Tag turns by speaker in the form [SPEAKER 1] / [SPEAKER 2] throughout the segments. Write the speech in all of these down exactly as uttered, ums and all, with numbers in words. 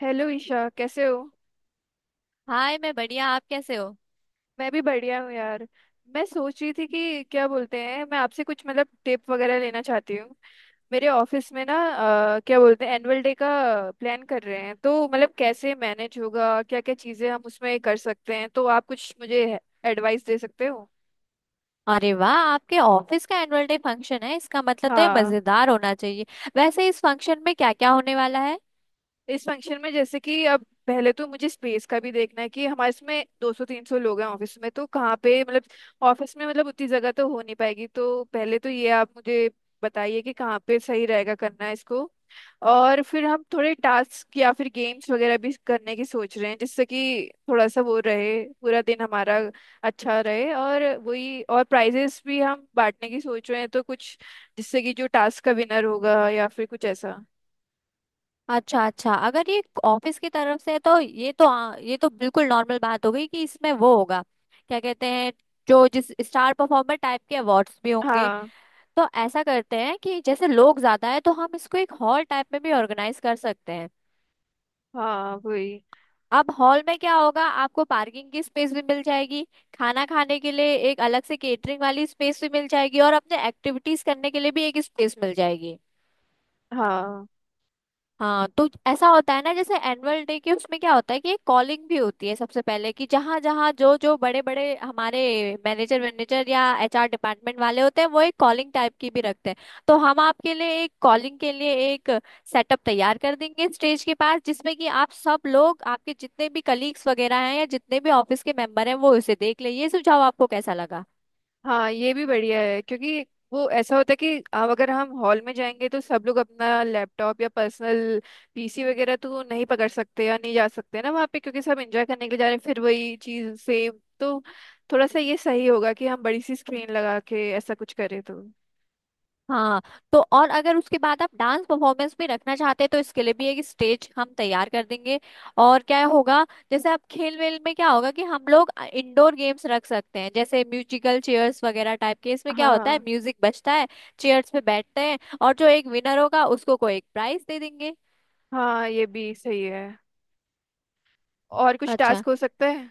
[SPEAKER 1] Hello Isha, कैसे हो।
[SPEAKER 2] Hi, मैं बढ़िया। आप कैसे हो?
[SPEAKER 1] मैं भी बढ़िया हूँ यार। मैं सोच रही थी कि क्या बोलते हैं, मैं आपसे कुछ मतलब टिप वगैरह लेना चाहती हूँ। मेरे ऑफिस में ना अ, क्या बोलते हैं एनुअल डे का प्लान कर रहे हैं, तो मतलब कैसे मैनेज होगा, क्या क्या चीज़ें हम उसमें कर सकते हैं, तो आप कुछ मुझे एडवाइस दे सकते हो।
[SPEAKER 2] अरे वाह, आपके ऑफिस का एनुअल डे फंक्शन है, इसका मतलब तो ये
[SPEAKER 1] हाँ।
[SPEAKER 2] मजेदार होना चाहिए। वैसे इस फंक्शन में क्या क्या होने वाला है?
[SPEAKER 1] इस फंक्शन में जैसे कि अब पहले तो मुझे स्पेस का भी देखना है कि हमारे इसमें दो सौ तीन सौ लोग हैं ऑफिस में, तो कहाँ पे मतलब ऑफिस में मतलब उतनी जगह तो हो नहीं पाएगी, तो पहले तो ये आप मुझे बताइए कि कहाँ पे सही रहेगा करना है इसको। और फिर हम थोड़े टास्क या फिर गेम्स वगैरह भी करने की सोच रहे हैं जिससे कि थोड़ा सा वो रहे, पूरा दिन हमारा अच्छा रहे। और वही, और प्राइजेस भी हम बांटने की सोच रहे हैं, तो कुछ जिससे कि जो टास्क का विनर होगा या फिर कुछ ऐसा।
[SPEAKER 2] अच्छा अच्छा, अगर ये ऑफिस की तरफ से है तो ये तो आ, ये तो बिल्कुल नॉर्मल बात हो गई कि इसमें वो होगा। क्या कहते हैं, जो जिस स्टार परफॉर्मर टाइप के अवार्ड्स भी होंगे।
[SPEAKER 1] हाँ
[SPEAKER 2] तो ऐसा करते हैं कि जैसे लोग ज्यादा है तो हम इसको एक हॉल टाइप में भी ऑर्गेनाइज कर सकते हैं।
[SPEAKER 1] हाँ वही।
[SPEAKER 2] अब हॉल में क्या होगा, आपको पार्किंग की स्पेस भी मिल जाएगी, खाना खाने के लिए एक अलग से केटरिंग वाली स्पेस भी मिल जाएगी, और अपने एक्टिविटीज करने के लिए भी एक स्पेस मिल जाएगी।
[SPEAKER 1] हाँ।
[SPEAKER 2] हाँ, तो ऐसा होता है ना, जैसे एनुअल डे के, उसमें क्या होता है कि एक कॉलिंग भी होती है सबसे पहले, कि जहाँ जहाँ जो जो बड़े बड़े हमारे मैनेजर मैनेजर या एचआर डिपार्टमेंट वाले होते हैं, वो एक कॉलिंग टाइप की भी रखते हैं। तो हम आपके लिए एक कॉलिंग के लिए एक सेटअप तैयार कर देंगे स्टेज के पास, जिसमें कि आप सब लोग, आपके जितने भी कलीग्स वगैरह हैं या जितने भी ऑफिस के मेंबर हैं, वो उसे देख ले। ये सुझाव आपको कैसा लगा?
[SPEAKER 1] हाँ, ये भी बढ़िया है क्योंकि वो ऐसा होता है कि अब अगर हम हॉल में जाएंगे तो सब लोग अपना लैपटॉप या पर्सनल पीसी वगैरह तो नहीं पकड़ सकते या नहीं जा सकते ना वहाँ पे, क्योंकि सब एंजॉय करने के लिए जा रहे हैं, फिर वही चीज़ सेम। तो थोड़ा सा ये सही होगा कि हम बड़ी सी स्क्रीन लगा के ऐसा कुछ करें तो।
[SPEAKER 2] हाँ, तो और अगर उसके बाद आप डांस परफॉर्मेंस भी रखना चाहते हैं तो इसके लिए भी एक स्टेज हम तैयार कर देंगे। और क्या होगा, जैसे आप खेल वेल में क्या होगा कि हम लोग इंडोर गेम्स रख सकते हैं, जैसे म्यूजिकल चेयर्स वगैरह टाइप के। इसमें क्या होता है
[SPEAKER 1] हाँ
[SPEAKER 2] म्यूजिक बजता है, चेयर्स पे बैठते हैं, और जो एक विनर होगा उसको कोई एक प्राइज दे देंगे।
[SPEAKER 1] हाँ, ये भी सही है। और कुछ
[SPEAKER 2] अच्छा,
[SPEAKER 1] टास्क हो सकता है।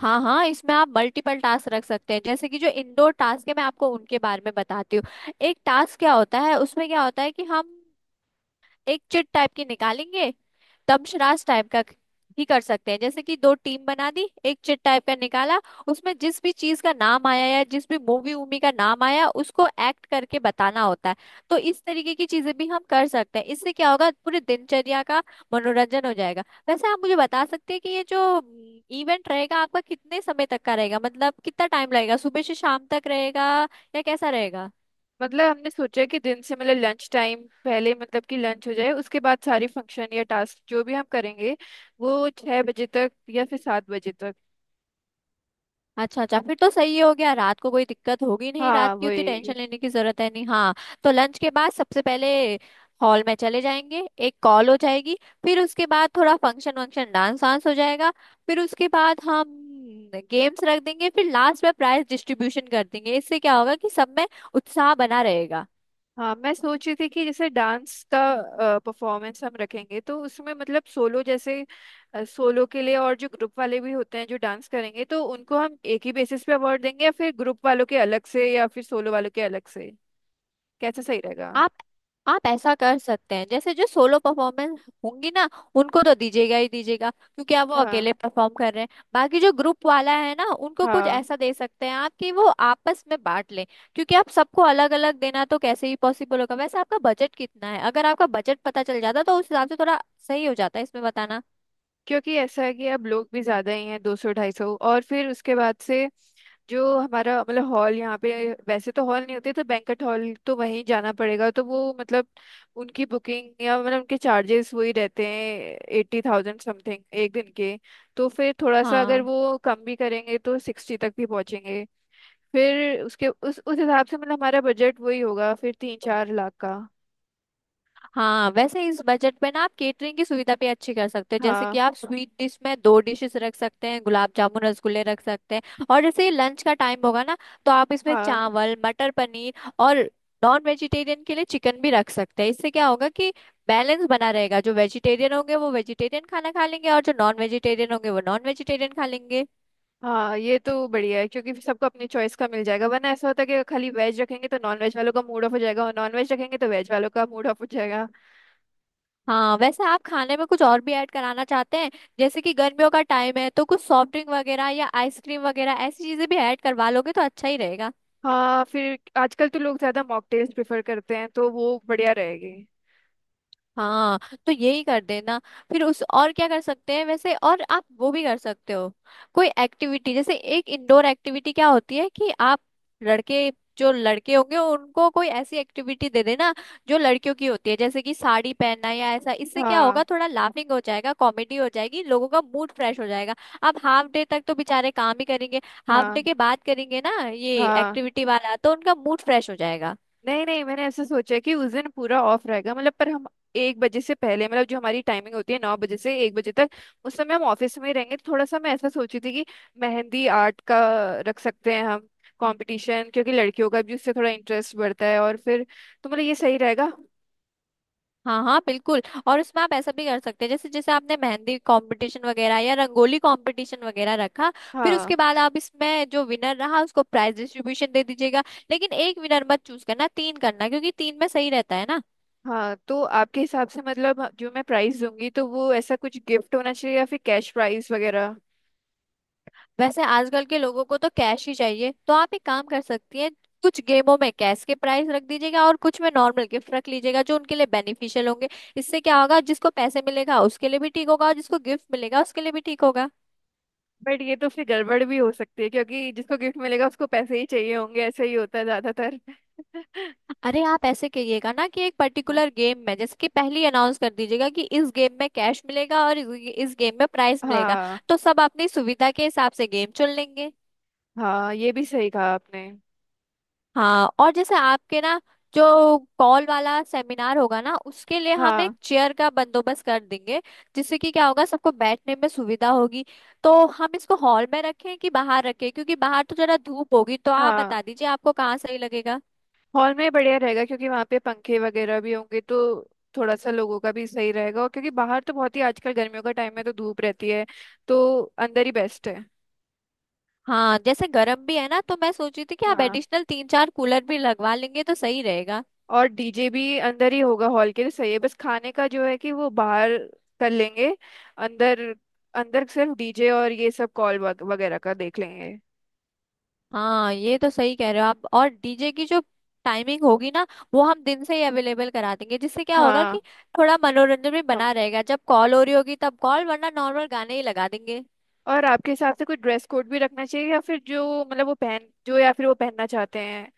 [SPEAKER 2] हाँ हाँ, इसमें आप मल्टीपल टास्क रख सकते हैं, जैसे कि जो इंडोर टास्क है मैं आपको उनके बारे में बताती हूँ। एक टास्क क्या होता है, उसमें क्या होता है कि हम एक चिट टाइप की निकालेंगे, दमशराज टाइप का ही कर सकते हैं। जैसे कि दो टीम बना दी, एक चिट टाइप का निकाला, उसमें जिस भी चीज का नाम आया या जिस भी मूवी वूवी का नाम आया उसको एक्ट करके बताना होता है। तो इस तरीके की चीजें भी हम कर सकते हैं, इससे क्या होगा पूरी दिनचर्या का मनोरंजन हो जाएगा। वैसे आप मुझे बता सकते हैं कि ये जो इवेंट रहेगा आपका कितने समय तक का रहेगा, मतलब कितना टाइम लगेगा, सुबह से शाम तक रहेगा या कैसा रहेगा?
[SPEAKER 1] मतलब हमने सोचा कि दिन से मतलब लंच टाइम पहले मतलब कि लंच हो जाए, उसके बाद सारी फंक्शन या टास्क जो भी हम करेंगे वो छह बजे तक या फिर सात बजे तक।
[SPEAKER 2] अच्छा अच्छा, फिर तो सही हो गया, रात को कोई दिक्कत होगी नहीं, रात
[SPEAKER 1] हाँ
[SPEAKER 2] की उतनी टेंशन
[SPEAKER 1] वही।
[SPEAKER 2] लेने की जरूरत है नहीं। हाँ, तो लंच के बाद सबसे पहले हॉल में चले जाएंगे, एक कॉल हो जाएगी, फिर उसके बाद थोड़ा फंक्शन वंक्शन डांस वांस हो जाएगा, फिर उसके बाद हम गेम्स रख देंगे, फिर लास्ट में प्राइज डिस्ट्रीब्यूशन कर देंगे। इससे क्या होगा कि सब में उत्साह बना रहेगा।
[SPEAKER 1] हाँ, मैं सोच रही थी कि जैसे डांस का परफॉर्मेंस हम रखेंगे तो उसमें मतलब सोलो जैसे सोलो के लिए, और जो ग्रुप वाले भी होते हैं जो डांस करेंगे, तो उनको हम एक ही बेसिस पे अवार्ड देंगे या फिर ग्रुप वालों के अलग से या फिर सोलो वालों के अलग से, कैसा सही रहेगा।
[SPEAKER 2] आप आप ऐसा कर सकते हैं, जैसे जो सोलो परफॉर्मेंस होंगी ना, उनको तो दीजिएगा ही दीजिएगा, क्योंकि आप वो
[SPEAKER 1] हाँ
[SPEAKER 2] अकेले परफॉर्म कर रहे हैं। बाकी जो ग्रुप वाला है ना, उनको कुछ
[SPEAKER 1] हाँ।
[SPEAKER 2] ऐसा दे सकते हैं आप कि वो आपस में बांट लें। क्योंकि आप सबको अलग अलग देना तो कैसे ही पॉसिबल होगा। वैसे आपका बजट कितना है? अगर आपका बजट पता चल जाता तो उस हिसाब से थोड़ा सही हो जाता है इसमें बताना।
[SPEAKER 1] क्योंकि ऐसा है कि अब लोग भी ज्यादा ही हैं, दो सौ ढाई सौ। और फिर उसके बाद से जो हमारा मतलब हॉल, यहाँ पे वैसे तो हॉल नहीं होते तो बैंक्वेट हॉल तो वहीं जाना पड़ेगा, तो वो मतलब उनकी बुकिंग या मतलब उनके चार्जेस वही रहते हैं, एट्टी थाउजेंड समथिंग एक दिन के। तो फिर थोड़ा सा अगर
[SPEAKER 2] हाँ
[SPEAKER 1] वो कम भी करेंगे तो सिक्सटी तक भी पहुंचेंगे। फिर उसके उस उस हिसाब से मतलब हमारा बजट वही होगा, फिर तीन चार लाख का।
[SPEAKER 2] हाँ, वैसे इस बजट में ना आप केटरिंग की सुविधा भी अच्छी कर सकते हो, जैसे कि
[SPEAKER 1] हाँ
[SPEAKER 2] आप स्वीट डिश में दो डिशेस रख सकते हैं, गुलाब जामुन रसगुल्ले रख सकते हैं, और जैसे ये लंच का टाइम होगा ना, तो आप इसमें
[SPEAKER 1] हाँ।
[SPEAKER 2] चावल मटर पनीर और नॉन वेजिटेरियन के लिए चिकन भी रख सकते हैं। इससे क्या होगा कि बैलेंस बना रहेगा, जो वेजिटेरियन होंगे वो वेजिटेरियन खाना खा लेंगे और जो नॉन वेजिटेरियन होंगे वो नॉन वेजिटेरियन खा लेंगे।
[SPEAKER 1] हाँ, ये तो बढ़िया है क्योंकि फिर सबको अपनी चॉइस का मिल जाएगा, वरना ऐसा होता है कि अगर खाली वेज रखेंगे तो नॉन वेज वालों का मूड ऑफ हो जाएगा और नॉन वेज रखेंगे तो वेज वालों का मूड ऑफ हो जाएगा।
[SPEAKER 2] हाँ, वैसे आप खाने में कुछ और भी ऐड कराना चाहते हैं, जैसे कि गर्मियों का टाइम है तो कुछ सॉफ्ट ड्रिंक वगैरह या आइसक्रीम वगैरह ऐसी चीजें भी ऐड करवा लोगे तो अच्छा ही रहेगा।
[SPEAKER 1] हाँ, फिर आजकल तो लोग ज्यादा मॉकटेल्स प्रेफर करते हैं तो वो बढ़िया रहेगी।
[SPEAKER 2] हाँ, तो यही कर देना। फिर उस, और क्या कर सकते हैं वैसे, और आप वो भी कर सकते हो कोई एक्टिविटी। जैसे एक इंडोर एक्टिविटी क्या होती है कि आप लड़के, जो लड़के होंगे उनको कोई ऐसी एक्टिविटी दे देना जो लड़कियों की होती है, जैसे कि साड़ी पहनना या ऐसा। इससे क्या
[SPEAKER 1] हाँ
[SPEAKER 2] होगा, थोड़ा लाफिंग हो जाएगा, कॉमेडी हो जाएगी, लोगों का मूड फ्रेश हो जाएगा। अब हाफ डे तक तो बेचारे काम ही करेंगे, हाफ डे
[SPEAKER 1] हाँ।
[SPEAKER 2] के बाद करेंगे ना ये
[SPEAKER 1] हाँ,
[SPEAKER 2] एक्टिविटी वाला, तो उनका मूड फ्रेश हो जाएगा।
[SPEAKER 1] नहीं नहीं, मैंने ऐसे सोचा है कि उस दिन पूरा ऑफ रहेगा मतलब, पर हम एक बजे से पहले मतलब जो हमारी टाइमिंग होती है नौ बजे से एक बजे तक, उस समय हम ऑफिस में ही रहेंगे। तो थोड़ा सा मैं ऐसा सोची थी कि मेहंदी आर्ट का रख सकते हैं हम, कंपटीशन, क्योंकि लड़कियों का भी उससे थोड़ा इंटरेस्ट बढ़ता है और फिर, तो मतलब ये सही रहेगा।
[SPEAKER 2] हाँ हाँ बिल्कुल, और उसमें आप ऐसा भी कर सकते हैं, जैसे जैसे आपने मेहंदी कंपटीशन वगैरह या रंगोली कंपटीशन वगैरह रखा, फिर
[SPEAKER 1] हाँ।
[SPEAKER 2] उसके बाद आप इसमें जो विनर रहा उसको प्राइज डिस्ट्रीब्यूशन दे दीजिएगा। लेकिन एक विनर मत चूज करना, तीन करना, क्योंकि तीन में सही रहता है ना।
[SPEAKER 1] हाँ, तो आपके हिसाब से मतलब जो मैं प्राइस दूंगी तो वो ऐसा कुछ गिफ्ट होना चाहिए या फिर कैश प्राइस वगैरह।
[SPEAKER 2] वैसे आजकल के लोगों को तो कैश ही चाहिए, तो आप एक काम कर सकती हैं, कुछ गेमों में कैश के प्राइस रख दीजिएगा और कुछ में नॉर्मल गिफ्ट रख लीजिएगा जो उनके लिए बेनिफिशियल होंगे। इससे क्या होगा, जिसको पैसे मिलेगा उसके लिए भी ठीक होगा और जिसको गिफ्ट मिलेगा उसके लिए भी ठीक होगा।
[SPEAKER 1] बट ये तो फिर गड़बड़ भी हो सकती है क्योंकि जिसको गिफ्ट मिलेगा उसको पैसे ही चाहिए होंगे, ऐसा ही होता है ज्यादातर।
[SPEAKER 2] अरे, आप ऐसे करिएगा ना कि एक पर्टिकुलर गेम में, जैसे कि पहले ही अनाउंस कर दीजिएगा कि इस गेम में कैश मिलेगा और इस इस गेम में प्राइस मिलेगा।
[SPEAKER 1] हाँ
[SPEAKER 2] तो सब अपनी सुविधा के हिसाब से गेम चुन लेंगे।
[SPEAKER 1] हाँ, ये भी सही कहा आपने।
[SPEAKER 2] हाँ, और जैसे आपके ना जो कॉल वाला सेमिनार होगा ना, उसके लिए हम एक
[SPEAKER 1] हाँ।
[SPEAKER 2] चेयर का बंदोबस्त कर देंगे, जिससे कि क्या होगा सबको बैठने में सुविधा होगी। तो हम इसको हॉल में रखें कि बाहर रखें, क्योंकि बाहर तो जरा धूप होगी, तो आप
[SPEAKER 1] हाँ,
[SPEAKER 2] बता दीजिए आपको कहाँ सही लगेगा।
[SPEAKER 1] हॉल में बढ़िया रहेगा क्योंकि वहाँ पे पंखे वगैरह भी होंगे तो थोड़ा सा लोगों का भी सही रहेगा, और क्योंकि बाहर तो बहुत ही आजकल गर्मियों का टाइम है तो धूप रहती है, तो अंदर ही बेस्ट है।
[SPEAKER 2] हाँ, जैसे गर्म भी है ना, तो मैं सोच रही थी कि आप
[SPEAKER 1] हाँ,
[SPEAKER 2] एडिशनल तीन चार कूलर भी लगवा लेंगे तो सही रहेगा।
[SPEAKER 1] और डीजे भी अंदर ही होगा, हॉल के लिए सही है। बस खाने का जो है कि वो बाहर कर लेंगे, अंदर अंदर सिर्फ डीजे और ये सब कॉल वगैरह का देख लेंगे।
[SPEAKER 2] हाँ, ये तो सही कह रहे हो आप। और डीजे की जो टाइमिंग होगी ना, वो हम दिन से ही अवेलेबल करा देंगे, जिससे क्या होगा
[SPEAKER 1] हाँ।
[SPEAKER 2] कि थोड़ा मनोरंजन भी
[SPEAKER 1] हम।
[SPEAKER 2] बना रहेगा। जब कॉल हो रही होगी तब कॉल, वरना नॉर्मल गाने ही लगा देंगे।
[SPEAKER 1] और आपके हिसाब से कोई ड्रेस कोड भी रखना चाहिए या फिर जो मतलब वो पहन जो या फिर वो पहनना चाहते हैं।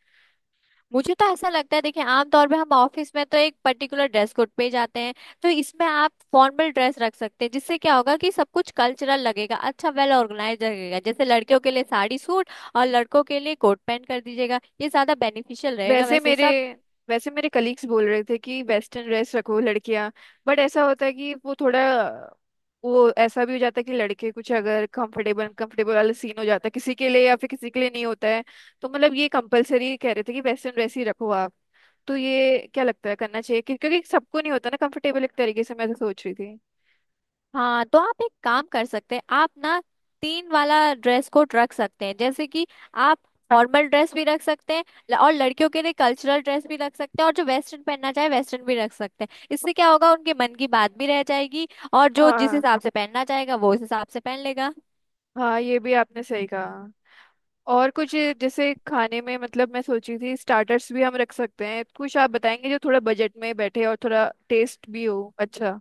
[SPEAKER 2] मुझे तो ऐसा लगता है, देखिए आमतौर पे हम ऑफिस में तो एक पर्टिकुलर ड्रेस कोड पे ही जाते हैं, तो इसमें आप फॉर्मल ड्रेस रख सकते हैं, जिससे क्या होगा कि सब कुछ कल्चरल लगेगा, अच्छा वेल ऑर्गेनाइज लगेगा। जैसे लड़कियों के लिए साड़ी सूट और लड़कों के लिए कोट पैंट कर दीजिएगा, ये ज्यादा बेनिफिशियल रहेगा
[SPEAKER 1] वैसे
[SPEAKER 2] वैसे
[SPEAKER 1] मेरे
[SPEAKER 2] सब।
[SPEAKER 1] वैसे मेरे कलीग्स बोल रहे थे कि वेस्टर्न ड्रेस रखो लड़कियां, बट ऐसा होता है कि वो थोड़ा वो ऐसा भी हो जाता है कि लड़के कुछ अगर कंफर्टेबल कंफर्टेबल वाला सीन हो जाता है किसी के लिए या फिर किसी के लिए नहीं होता है। तो मतलब ये कंपलसरी कह रहे थे कि वेस्टर्न ड्रेस ही रखो आप। तो ये क्या लगता है करना चाहिए कि- क्योंकि सबको नहीं होता ना कंफर्टेबल एक तरीके से, मैं तो सोच रही थी।
[SPEAKER 2] हाँ, तो आप एक काम कर सकते हैं, आप ना तीन वाला ड्रेस कोड रख सकते हैं, जैसे कि आप फॉर्मल ड्रेस भी रख सकते हैं, ल- और लड़कियों के लिए कल्चरल ड्रेस भी रख सकते हैं, और जो वेस्टर्न पहनना चाहे वेस्टर्न भी रख सकते हैं। इससे क्या होगा उनके मन की बात भी रह जाएगी, और जो जिस
[SPEAKER 1] हाँ
[SPEAKER 2] हिसाब से पहनना चाहेगा वो उस हिसाब से पहन लेगा।
[SPEAKER 1] हाँ, ये भी आपने सही कहा। और कुछ जैसे खाने में मतलब मैं सोच रही थी स्टार्टर्स भी हम रख सकते हैं, कुछ आप बताएंगे जो थोड़ा बजट में बैठे और थोड़ा टेस्ट भी हो अच्छा।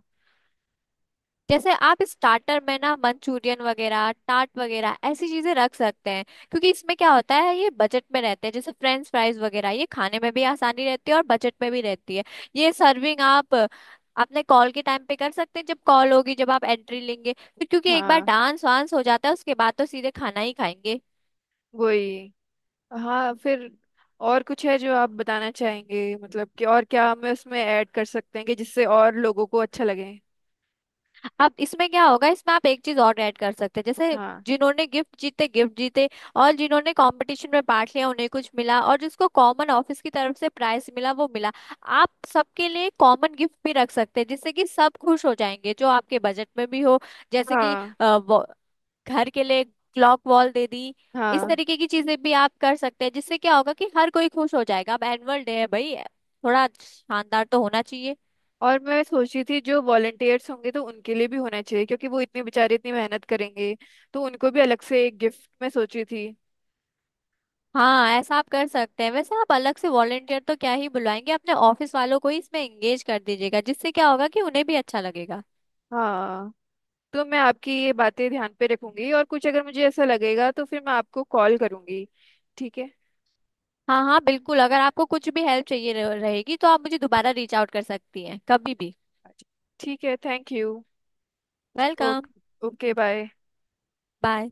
[SPEAKER 2] जैसे आप स्टार्टर में ना मंचूरियन वगैरह टाट वगैरह ऐसी चीजें रख सकते हैं, क्योंकि इसमें क्या होता है ये बजट में रहते हैं, जैसे फ्रेंच फ्राइज वगैरह, ये खाने में भी आसानी रहती है और बजट में भी रहती है। ये सर्विंग आप अपने कॉल के टाइम पे कर सकते हैं, जब कॉल होगी, जब आप एंट्री लेंगे। फिर क्योंकि एक बार
[SPEAKER 1] हाँ
[SPEAKER 2] डांस वांस हो जाता है उसके बाद तो सीधे खाना ही खाएंगे।
[SPEAKER 1] वही। हाँ फिर, और कुछ है जो आप बताना चाहेंगे मतलब कि और क्या हमें उसमें ऐड कर सकते हैं कि जिससे और लोगों को अच्छा लगे।
[SPEAKER 2] अब इसमें क्या होगा, इसमें आप एक चीज और ऐड कर सकते हैं, जैसे
[SPEAKER 1] हाँ
[SPEAKER 2] जिन्होंने गिफ्ट जीते गिफ्ट जीते और जिन्होंने कंपटीशन में पार्ट लिया उन्हें कुछ मिला, और जिसको कॉमन ऑफिस की तरफ से प्राइस मिला वो मिला। आप सबके लिए कॉमन गिफ्ट भी रख सकते हैं, जिससे कि सब खुश हो जाएंगे, जो आपके बजट में भी हो। जैसे कि
[SPEAKER 1] हाँ
[SPEAKER 2] अ, वो- घर के लिए क्लॉक वॉल दे दी। इस
[SPEAKER 1] हाँ।
[SPEAKER 2] तरीके की चीजें भी आप कर सकते हैं, जिससे क्या होगा कि हर कोई खुश हो जाएगा। अब एनुअल डे है भाई, थोड़ा शानदार तो होना चाहिए।
[SPEAKER 1] और मैं सोच रही थी जो वॉलंटियर्स होंगे तो उनके लिए भी होना चाहिए क्योंकि वो इतने बेचारे इतनी मेहनत करेंगे, तो उनको भी अलग से एक गिफ्ट मैं सोची थी।
[SPEAKER 2] हाँ, ऐसा आप कर सकते हैं। वैसे आप अलग से वॉलेंटियर तो क्या ही बुलवाएंगे, अपने ऑफिस वालों को ही इसमें एंगेज कर दीजिएगा, जिससे क्या होगा कि उन्हें भी अच्छा लगेगा।
[SPEAKER 1] हाँ, तो मैं आपकी ये बातें ध्यान पे रखूंगी, और कुछ अगर मुझे ऐसा लगेगा तो फिर मैं आपको कॉल करूंगी, ठीक है।
[SPEAKER 2] हाँ हाँ बिल्कुल, अगर आपको कुछ भी हेल्प चाहिए रह- रहेगी तो आप मुझे दोबारा रीच आउट कर सकती हैं कभी भी।
[SPEAKER 1] अच्छा, ठीक है, thank you.
[SPEAKER 2] Welcome.
[SPEAKER 1] Okay okay, bye.
[SPEAKER 2] Bye.